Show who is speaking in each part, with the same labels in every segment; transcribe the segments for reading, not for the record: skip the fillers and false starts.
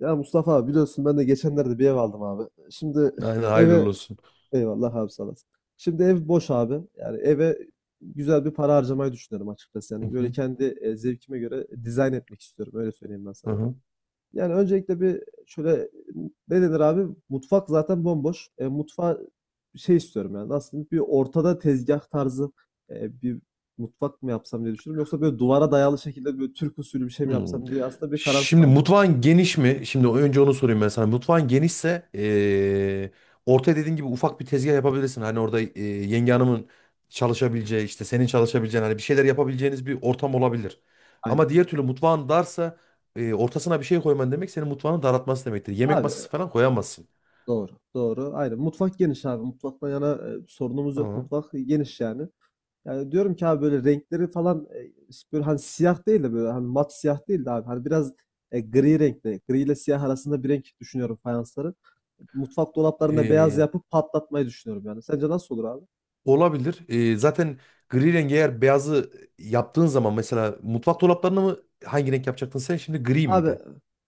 Speaker 1: Ya Mustafa abi, biliyorsun, ben de geçenlerde bir ev aldım abi. Şimdi
Speaker 2: Aynen
Speaker 1: eve
Speaker 2: hayırlı olsun.
Speaker 1: Eyvallah abi, sağ olasın. Şimdi ev boş abi. Yani eve güzel bir para harcamayı düşünüyorum açıkçası.
Speaker 2: Hı
Speaker 1: Yani böyle
Speaker 2: hı,
Speaker 1: kendi zevkime göre dizayn etmek istiyorum. Öyle söyleyeyim ben
Speaker 2: hı
Speaker 1: sana.
Speaker 2: hı.
Speaker 1: Yani öncelikle bir şöyle ne denir abi? Mutfak zaten bomboş. Mutfağa bir şey istiyorum yani. Nasıl diyeyim? Bir ortada tezgah tarzı bir mutfak mı yapsam diye düşünüyorum. Yoksa böyle duvara dayalı şekilde böyle Türk usulü bir şey mi
Speaker 2: Hmm.
Speaker 1: yapsam diye aslında bir kararsız
Speaker 2: Şimdi
Speaker 1: kaldım abi.
Speaker 2: mutfağın geniş mi? Şimdi önce onu sorayım ben sana. Mutfağın genişse ortaya dediğin gibi ufak bir tezgah yapabilirsin. Hani orada yenge hanımın çalışabileceği işte senin çalışabileceğin hani bir şeyler yapabileceğiniz bir ortam olabilir. Ama
Speaker 1: Aynen.
Speaker 2: diğer türlü mutfağın darsa ortasına bir şey koyman demek senin mutfağını daraltması demektir. Yemek
Speaker 1: Abi,
Speaker 2: masası falan koyamazsın.
Speaker 1: doğru, doğru. Aynen. Mutfak geniş abi. Mutfaktan yana sorunumuz yok.
Speaker 2: Tamam.
Speaker 1: Mutfak geniş yani. Yani diyorum ki abi, böyle renkleri falan işte böyle, hani siyah değil de, böyle hani mat siyah değil de abi. Hani biraz gri renkte. Gri ile siyah arasında bir renk düşünüyorum fayansları. Mutfak dolaplarında beyaz yapıp patlatmayı düşünüyorum yani. Sence nasıl olur abi?
Speaker 2: Olabilir. Zaten gri rengi eğer beyazı yaptığın zaman mesela mutfak dolaplarını mı hangi renk yapacaktın sen? Şimdi gri
Speaker 1: Abi,
Speaker 2: miydi?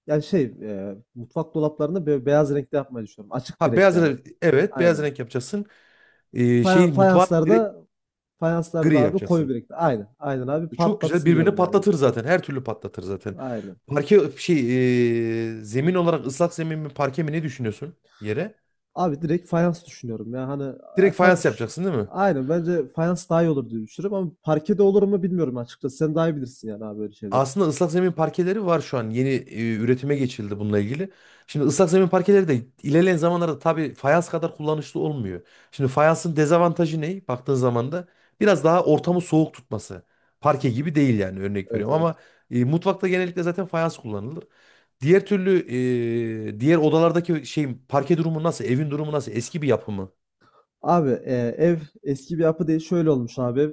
Speaker 1: yani şey, mutfak dolaplarını beyaz renkte yapmayı düşünüyorum. Açık bir
Speaker 2: Ha
Speaker 1: renk
Speaker 2: beyaz
Speaker 1: yani.
Speaker 2: renk, evet, beyaz
Speaker 1: Aynen.
Speaker 2: renk yapacaksın.
Speaker 1: Faya-
Speaker 2: Şey mutfağı
Speaker 1: fayanslarda
Speaker 2: direkt
Speaker 1: fayanslarda
Speaker 2: gri
Speaker 1: abi, koyu
Speaker 2: yapacaksın.
Speaker 1: bir renkte. Aynen. Aynen abi,
Speaker 2: Çok güzel
Speaker 1: patlatsın
Speaker 2: birbirini
Speaker 1: diyorum yani.
Speaker 2: patlatır zaten. Her türlü patlatır zaten.
Speaker 1: Aynen.
Speaker 2: Parke şey zemin olarak ıslak zemin mi parke mi ne düşünüyorsun yere?
Speaker 1: Abi, direkt fayans düşünüyorum ya. Hani
Speaker 2: Direkt
Speaker 1: tabii,
Speaker 2: fayans yapacaksın değil mi?
Speaker 1: aynen, bence fayans daha iyi olur diye düşünüyorum, ama parkede olur mu bilmiyorum açıkçası. Sen daha iyi bilirsin yani abi, böyle şeyleri.
Speaker 2: Aslında ıslak zemin parkeleri var şu an. Yeni üretime geçildi bununla ilgili. Şimdi ıslak zemin parkeleri de ilerleyen zamanlarda tabii fayans kadar kullanışlı olmuyor. Şimdi fayansın dezavantajı ne? Baktığın zaman da biraz daha ortamı soğuk tutması. Parke gibi
Speaker 1: Kesinlikle.
Speaker 2: değil yani, örnek
Speaker 1: Evet,
Speaker 2: veriyorum,
Speaker 1: evet.
Speaker 2: ama mutfakta genellikle zaten fayans kullanılır. Diğer türlü diğer odalardaki şey parke durumu nasıl? Evin durumu nasıl? Eski bir yapı mı?
Speaker 1: Abi, ev eski bir yapı değil, şöyle olmuş abi.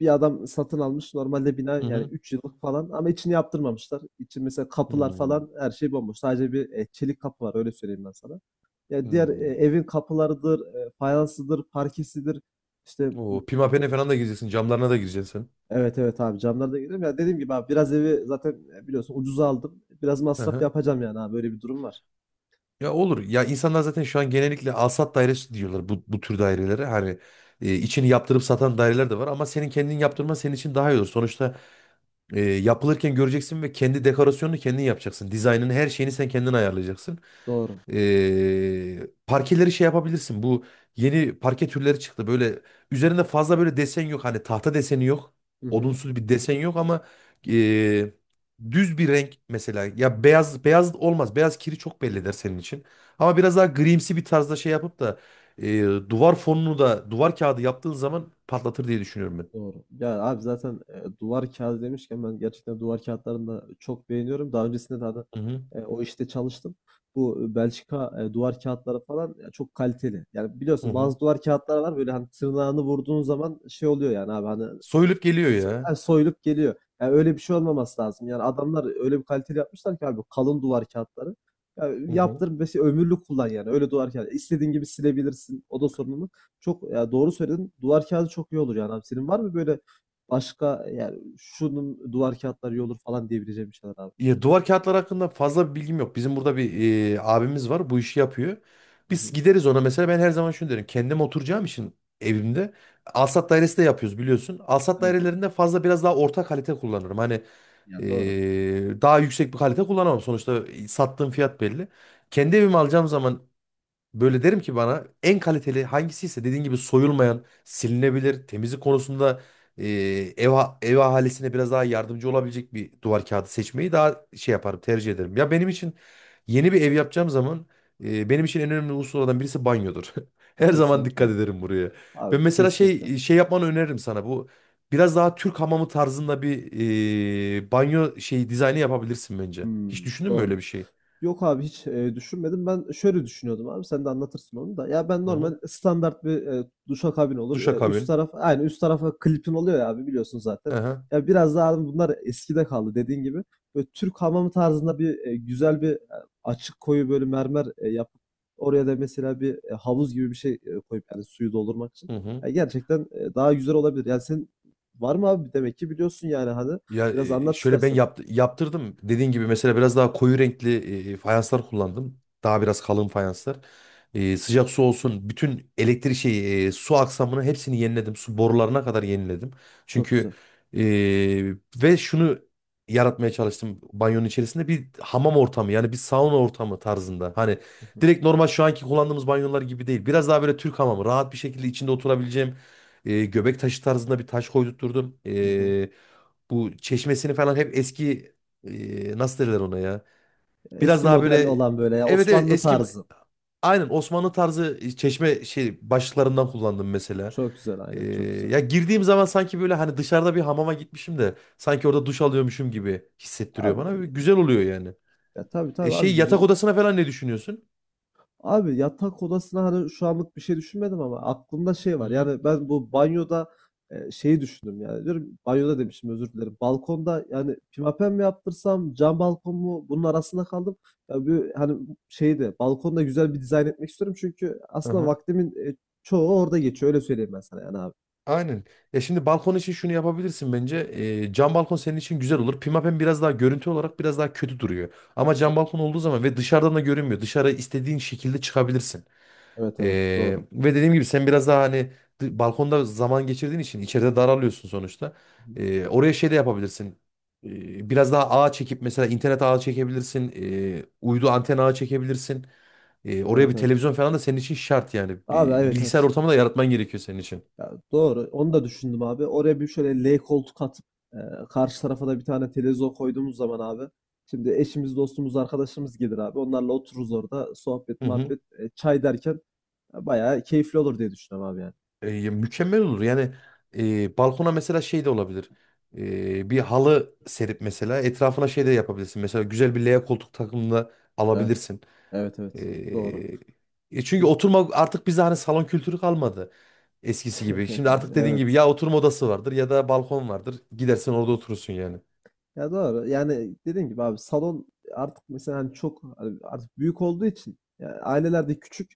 Speaker 1: Bir adam satın almış normalde, bina
Speaker 2: Hı
Speaker 1: yani
Speaker 2: hı.
Speaker 1: 3 yıllık falan, ama içini yaptırmamışlar. İçi mesela kapılar
Speaker 2: Hmm.
Speaker 1: falan, her şey bomboş. Sadece bir çelik kapı var, öyle söyleyeyim ben sana. Ya diğer
Speaker 2: Hmm.
Speaker 1: evin kapılarıdır, fayansıdır, parkesidir. İşte
Speaker 2: Oo, pimapene
Speaker 1: mutfağıdır.
Speaker 2: falan da gireceksin. Camlarına da gireceksin.
Speaker 1: Evet, evet abi, camları da görüyorum. Ya dediğim gibi abi, biraz evi zaten biliyorsun ucuza aldım. Biraz
Speaker 2: Sen. Hı
Speaker 1: masraf
Speaker 2: hı.
Speaker 1: yapacağım yani abi, böyle bir durum var.
Speaker 2: Ya olur. Ya insanlar zaten şu an genellikle alsat dairesi diyorlar bu tür dairelere. Hani içini yaptırıp satan daireler de var ama senin kendin yaptırman senin için daha iyi olur. Sonuçta yapılırken göreceksin ve kendi dekorasyonunu kendin yapacaksın. Dizaynını, her şeyini sen kendin ayarlayacaksın.
Speaker 1: Doğru.
Speaker 2: Parkeleri şey yapabilirsin. Bu yeni parke türleri çıktı. Böyle üzerinde fazla böyle desen yok. Hani tahta deseni yok.
Speaker 1: Hı hı.
Speaker 2: Odunsu bir desen yok ama ee, düz bir renk mesela. Ya beyaz beyaz olmaz. Beyaz kiri çok belli eder senin için. Ama biraz daha grimsi bir tarzda şey yapıp da ee, duvar fonunu da duvar kağıdı yaptığın zaman patlatır diye düşünüyorum ben.
Speaker 1: Doğru. Ya abi, zaten duvar kağıdı demişken, ben gerçekten duvar kağıtlarını da çok beğeniyorum. Daha öncesinde de hani,
Speaker 2: Hı hı.
Speaker 1: o işte çalıştım. Bu Belçika duvar kağıtları falan ya, çok kaliteli. Yani
Speaker 2: Hı
Speaker 1: biliyorsun,
Speaker 2: hı.
Speaker 1: bazı duvar kağıtları var böyle, hani tırnağını vurduğun zaman şey oluyor yani abi, hani
Speaker 2: Soyulup geliyor
Speaker 1: S
Speaker 2: ya.
Speaker 1: soyulup geliyor. Yani öyle bir şey olmaması lazım. Yani adamlar öyle bir kaliteli yapmışlar ki abi, kalın duvar kağıtları. Ya,
Speaker 2: Hı hı.
Speaker 1: yaptır mesela, ömürlük kullan yani. Öyle duvar kağıdı İstediğin gibi silebilirsin. O da sorun mu? Çok, ya doğru söyledin. Duvar kağıdı çok iyi olur yani abi. Senin var mı böyle başka, yani şunun duvar kağıtları iyi olur falan diyebileceğim bir şeyler abi?
Speaker 2: Ya, duvar kağıtları hakkında fazla bir bilgim yok. Bizim burada bir abimiz var. Bu işi yapıyor.
Speaker 1: Hı
Speaker 2: Biz
Speaker 1: hı.
Speaker 2: gideriz ona mesela. Ben her zaman şunu derim: kendim oturacağım için evimde. Alsat dairesi de yapıyoruz biliyorsun. Alsat
Speaker 1: Evet.
Speaker 2: dairelerinde fazla biraz daha orta kalite kullanırım. Hani
Speaker 1: Ya doğru.
Speaker 2: daha yüksek bir kalite kullanamam. Sonuçta sattığım fiyat belli. Kendi evimi alacağım zaman böyle derim ki bana en kaliteli hangisiyse, dediğin gibi soyulmayan, silinebilir, temizlik konusunda e, ev ahalisine biraz daha yardımcı olabilecek bir duvar kağıdı seçmeyi daha şey yaparım, tercih ederim. Ya benim için yeni bir ev yapacağım zaman benim için en önemli unsurlardan birisi banyodur. Her zaman
Speaker 1: Kesinlikle.
Speaker 2: dikkat ederim buraya. Ve
Speaker 1: Abi,
Speaker 2: mesela
Speaker 1: kesinlikle.
Speaker 2: şey şey yapmanı öneririm sana. Bu biraz daha Türk hamamı tarzında bir banyo şeyi dizaynı yapabilirsin bence. Hiç
Speaker 1: Hımm.
Speaker 2: düşündün mü
Speaker 1: Doğru.
Speaker 2: öyle bir şey?
Speaker 1: Yok abi, hiç, düşünmedim. Ben şöyle düşünüyordum abi, sen de anlatırsın onu da. Ya ben,
Speaker 2: Hı
Speaker 1: normal
Speaker 2: hı.
Speaker 1: standart bir, duşakabin olur. Üst
Speaker 2: Duşakabin.
Speaker 1: taraf, aynı üst tarafa klipin oluyor ya abi, biliyorsun zaten.
Speaker 2: Hı hı.
Speaker 1: Ya biraz daha abi, bunlar eskide kaldı, dediğin gibi. Böyle Türk hamamı tarzında bir, güzel bir, açık koyu böyle mermer, yapıp oraya da mesela bir, havuz gibi bir şey, koyup yani suyu doldurmak için.
Speaker 2: Hı hı.
Speaker 1: Ya gerçekten, daha güzel olabilir. Yani senin var mı abi? Demek ki biliyorsun yani, hadi
Speaker 2: Ya
Speaker 1: biraz anlat
Speaker 2: şöyle ben
Speaker 1: istersen.
Speaker 2: yaptırdım. Dediğin gibi mesela biraz daha koyu renkli fayanslar kullandım. Daha biraz kalın fayanslar. E, sıcak su olsun. Bütün elektrik şeyi, su aksamını hepsini yeniledim. Su borularına kadar yeniledim.
Speaker 1: Çok güzel.
Speaker 2: Çünkü e, ve şunu yaratmaya çalıştım: banyonun içerisinde bir hamam ortamı yani bir sauna ortamı tarzında. Hani
Speaker 1: Hı hı.
Speaker 2: direkt normal şu anki kullandığımız banyolar gibi değil. Biraz daha böyle Türk hamamı, rahat bir şekilde içinde oturabileceğim göbek taşı tarzında bir taş koydurtturdum.
Speaker 1: Hı hı.
Speaker 2: Bu çeşmesini falan hep eski nasıl derler ona ya? Biraz
Speaker 1: Eski
Speaker 2: daha böyle,
Speaker 1: model olan böyle, ya
Speaker 2: evet evet,
Speaker 1: Osmanlı
Speaker 2: eski,
Speaker 1: tarzı.
Speaker 2: aynen Osmanlı tarzı çeşme şey başlıklarından kullandım mesela.
Speaker 1: Çok güzel,
Speaker 2: E,
Speaker 1: aynen, çok güzel.
Speaker 2: ya girdiğim zaman sanki böyle hani dışarıda bir hamama gitmişim de sanki orada duş alıyormuşum gibi hissettiriyor bana. Böyle
Speaker 1: Abi,
Speaker 2: güzel oluyor yani.
Speaker 1: ya tabii,
Speaker 2: E,
Speaker 1: tabii abi,
Speaker 2: şey yatak
Speaker 1: güzel.
Speaker 2: odasına falan ne düşünüyorsun?
Speaker 1: Abi, yatak odasına, hani şu anlık bir şey düşünmedim, ama aklımda şey
Speaker 2: Hı
Speaker 1: var.
Speaker 2: hı.
Speaker 1: Yani ben bu banyoda şeyi düşündüm yani. Diyorum banyoda, demişim, özür dilerim. Balkonda yani, pimapen mi yaptırsam, cam balkon mu, bunun arasında kaldım. Ya bir, hani şeyde, balkonda güzel bir dizayn etmek istiyorum, çünkü aslında
Speaker 2: Aha.
Speaker 1: vaktimin çoğu orada geçiyor, öyle söyleyeyim ben sana yani abi.
Speaker 2: Aynen. Ya şimdi balkon için şunu yapabilirsin bence. Cam balkon senin için güzel olur. Pimapen biraz daha görüntü olarak biraz daha kötü duruyor. Ama
Speaker 1: Kesin.
Speaker 2: cam balkon olduğu zaman ve dışarıdan da görünmüyor. Dışarı istediğin şekilde çıkabilirsin.
Speaker 1: Evet, evet, doğru.
Speaker 2: Ve dediğim gibi sen biraz daha hani balkonda zaman geçirdiğin için içeride daralıyorsun sonuçta.
Speaker 1: Hı hı.
Speaker 2: Oraya şey de yapabilirsin. Biraz daha ağ çekip mesela internet ağı çekebilirsin. Uydu anten ağı çekebilirsin. Oraya
Speaker 1: Evet,
Speaker 2: bir
Speaker 1: evet.
Speaker 2: televizyon falan da senin için şart yani.
Speaker 1: Abi,
Speaker 2: Bir
Speaker 1: evet,
Speaker 2: bilgisayar
Speaker 1: evet.
Speaker 2: ortamı da yaratman gerekiyor senin için.
Speaker 1: Ya doğru. Onu da düşündüm abi. Oraya bir şöyle L koltuk atıp, e, karşı tarafa da bir tane televizyon koyduğumuz zaman abi. Şimdi eşimiz, dostumuz, arkadaşımız gelir abi. Onlarla otururuz orada, sohbet,
Speaker 2: Hı hı.
Speaker 1: muhabbet, çay derken bayağı keyifli olur diye düşünüyorum abi yani.
Speaker 2: Ya mükemmel olur. Yani balkona mesela şey de olabilir. E, bir halı serip mesela etrafına şey de yapabilirsin. Mesela güzel bir L koltuk takımını da
Speaker 1: Evet.
Speaker 2: alabilirsin.
Speaker 1: Evet, evet. Doğru.
Speaker 2: E, çünkü oturma artık bize hani salon kültürü kalmadı eskisi gibi. Şimdi artık dediğin gibi
Speaker 1: Evet.
Speaker 2: ya oturma odası vardır ya da balkon vardır. Gidersen orada oturursun yani.
Speaker 1: Ya doğru. Yani dediğim gibi abi, salon artık mesela, hani çok, hani artık büyük olduğu için, yani ailelerde küçük,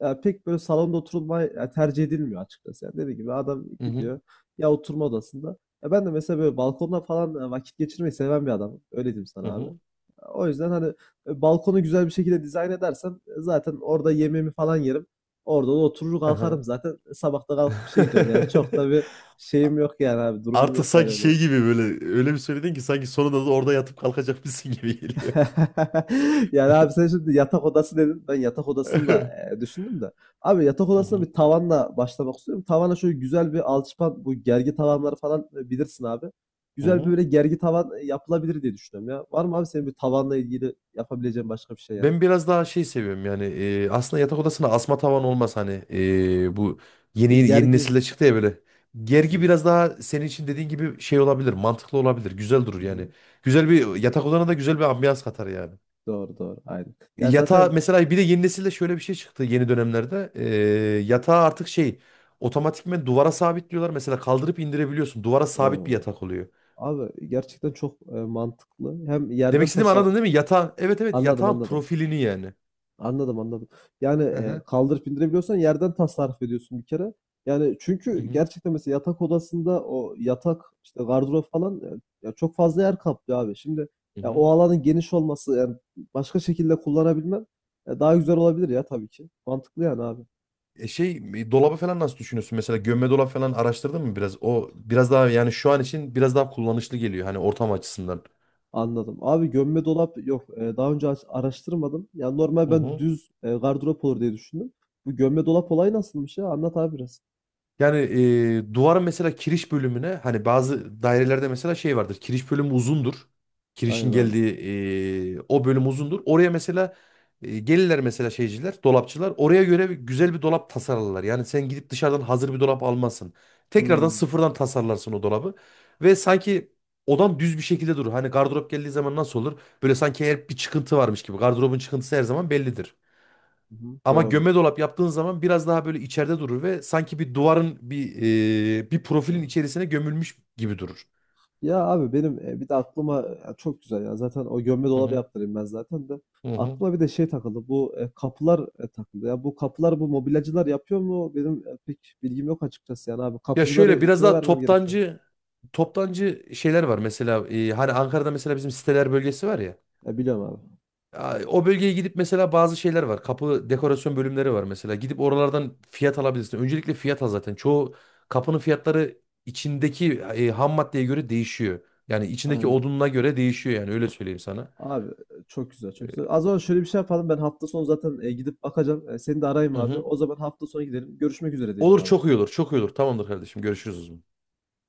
Speaker 1: ya pek böyle salonda oturulmayı ya tercih edilmiyor açıkçası. Yani dediğim gibi, adam
Speaker 2: Hı hı.
Speaker 1: gidiyor ya oturma odasında. Ya ben de mesela böyle balkonda falan vakit geçirmeyi seven bir adamım. Öyle diyeyim
Speaker 2: Hı
Speaker 1: sana abi.
Speaker 2: hı.
Speaker 1: O yüzden hani balkonu güzel bir şekilde dizayn edersem, zaten orada yemeğimi falan yerim. Orada da oturur
Speaker 2: Aha.
Speaker 1: kalkarım zaten. Sabah da kalkıp bir şey gidiyorum. Yani çok da bir şeyim yok yani abi. Durumum
Speaker 2: Artık
Speaker 1: yok yani
Speaker 2: sanki
Speaker 1: öyle.
Speaker 2: şey gibi böyle öyle bir söyledin ki sanki sonunda da orada yatıp kalkacakmışsın gibi geliyor.
Speaker 1: Yani abi, sen şimdi yatak odası dedin. Ben yatak odasını da, düşündüm de. Abi, yatak
Speaker 2: Hı
Speaker 1: odasına
Speaker 2: hı.
Speaker 1: bir tavanla başlamak istiyorum. Tavana şöyle güzel bir alçıpan, bu gergi tavanları falan, bilirsin abi.
Speaker 2: Hı
Speaker 1: Güzel bir
Speaker 2: hı.
Speaker 1: böyle gergi tavan yapılabilir diye düşünüyorum ya. Var mı abi senin bir tavanla ilgili yapabileceğin başka bir şey yani?
Speaker 2: Ben biraz daha şey seviyorum yani aslında yatak odasına asma tavan olmaz hani bu yeni
Speaker 1: Şey,
Speaker 2: yeni
Speaker 1: gergi.
Speaker 2: nesilde çıktı ya böyle. Gergi
Speaker 1: Hı,
Speaker 2: biraz daha senin için dediğin gibi şey olabilir, mantıklı olabilir, güzel durur
Speaker 1: hı hı.
Speaker 2: yani. Güzel bir yatak odana da güzel bir ambiyans katar yani.
Speaker 1: Doğru, doğru, aynen. Ya
Speaker 2: Yatağa
Speaker 1: zaten
Speaker 2: mesela bir de yeni nesilde şöyle bir şey çıktı yeni dönemlerde. Yatağı artık şey otomatikmen duvara sabitliyorlar. Mesela kaldırıp indirebiliyorsun. Duvara sabit bir
Speaker 1: o
Speaker 2: yatak oluyor.
Speaker 1: abi, gerçekten çok mantıklı. Hem
Speaker 2: Demek
Speaker 1: yerden
Speaker 2: istediğimi anladın değil mi? Yatağın, evet evet,
Speaker 1: anladım,
Speaker 2: yatağın
Speaker 1: anladım.
Speaker 2: profilini yani.
Speaker 1: Anladım, anladım. Yani,
Speaker 2: Hı hı.
Speaker 1: kaldırıp indirebiliyorsan yerden tasarruf ediyorsun bir kere. Yani
Speaker 2: Hı
Speaker 1: çünkü
Speaker 2: hı.
Speaker 1: gerçekten, mesela yatak odasında o yatak, işte, gardırop falan, ya, çok fazla yer kaplıyor abi. Şimdi,
Speaker 2: Hı
Speaker 1: ya, o
Speaker 2: hı.
Speaker 1: alanın geniş olması, yani, başka şekilde kullanabilmen, daha güzel olabilir ya tabii ki. Mantıklı yani abi.
Speaker 2: Dolabı falan nasıl düşünüyorsun? Mesela gömme dolap falan araştırdın mı biraz? O biraz daha yani şu an için biraz daha kullanışlı geliyor hani ortam açısından.
Speaker 1: Anladım. Abi, gömme dolap yok. Daha önce araştırmadım. Ya, normal ben düz, gardırop olur diye düşündüm. Bu gömme dolap olayı nasılmış ya? Anlat abi biraz.
Speaker 2: Yani duvarın mesela kiriş bölümüne, hani bazı dairelerde mesela şey vardır, kiriş bölümü uzundur.
Speaker 1: Aynen
Speaker 2: Kirişin
Speaker 1: abi.
Speaker 2: geldiği o bölüm uzundur. Oraya mesela gelirler mesela şeyciler, dolapçılar. Oraya göre güzel bir dolap tasarlarlar. Yani sen gidip dışarıdan hazır bir dolap almazsın. Tekrardan
Speaker 1: Hımm.
Speaker 2: sıfırdan tasarlarsın o dolabı. Ve sanki odan düz bir şekilde durur. Hani gardırop geldiği zaman nasıl olur? Böyle sanki her bir çıkıntı varmış gibi. Gardırobun çıkıntısı her zaman bellidir.
Speaker 1: Hı hı.
Speaker 2: Ama
Speaker 1: Doğru.
Speaker 2: gömme dolap yaptığın zaman biraz daha böyle içeride durur ve sanki bir duvarın bir bir profilin içerisine gömülmüş gibi durur.
Speaker 1: Ya abi, benim bir de aklıma ya çok güzel ya. Zaten o gömme
Speaker 2: Hı
Speaker 1: dolabı
Speaker 2: hı.
Speaker 1: yaptırayım ben zaten de.
Speaker 2: Hı hı.
Speaker 1: Aklıma bir de şey takıldı. Bu kapılar takıldı. Ya, bu kapılar, bu mobilyacılar yapıyor mu? Benim pek bilgim yok açıkçası yani abi.
Speaker 2: Ya şöyle
Speaker 1: Kapıcıları
Speaker 2: biraz
Speaker 1: kime
Speaker 2: daha
Speaker 1: vermem gerekiyor?
Speaker 2: toptancı şeyler var mesela hani Ankara'da mesela bizim siteler bölgesi var ya.
Speaker 1: Ya biliyorum abi.
Speaker 2: O bölgeye gidip mesela bazı şeyler var. Kapı dekorasyon bölümleri var mesela. Gidip oralardan fiyat alabilirsin. Öncelikle fiyat al zaten. Çoğu kapının fiyatları içindeki ham maddeye göre değişiyor. Yani içindeki
Speaker 1: Aynen.
Speaker 2: odununa göre değişiyor yani, öyle söyleyeyim sana.
Speaker 1: Abi, çok güzel, çok güzel. Az önce şöyle bir şey yapalım. Ben hafta sonu zaten gidip bakacağım. Seni de arayayım
Speaker 2: Hı
Speaker 1: abi.
Speaker 2: hı.
Speaker 1: O zaman hafta sonu gidelim. Görüşmek üzere diyelim
Speaker 2: Olur,
Speaker 1: abi.
Speaker 2: çok iyi olur. Çok iyi olur. Tamamdır kardeşim. Görüşürüz o zaman.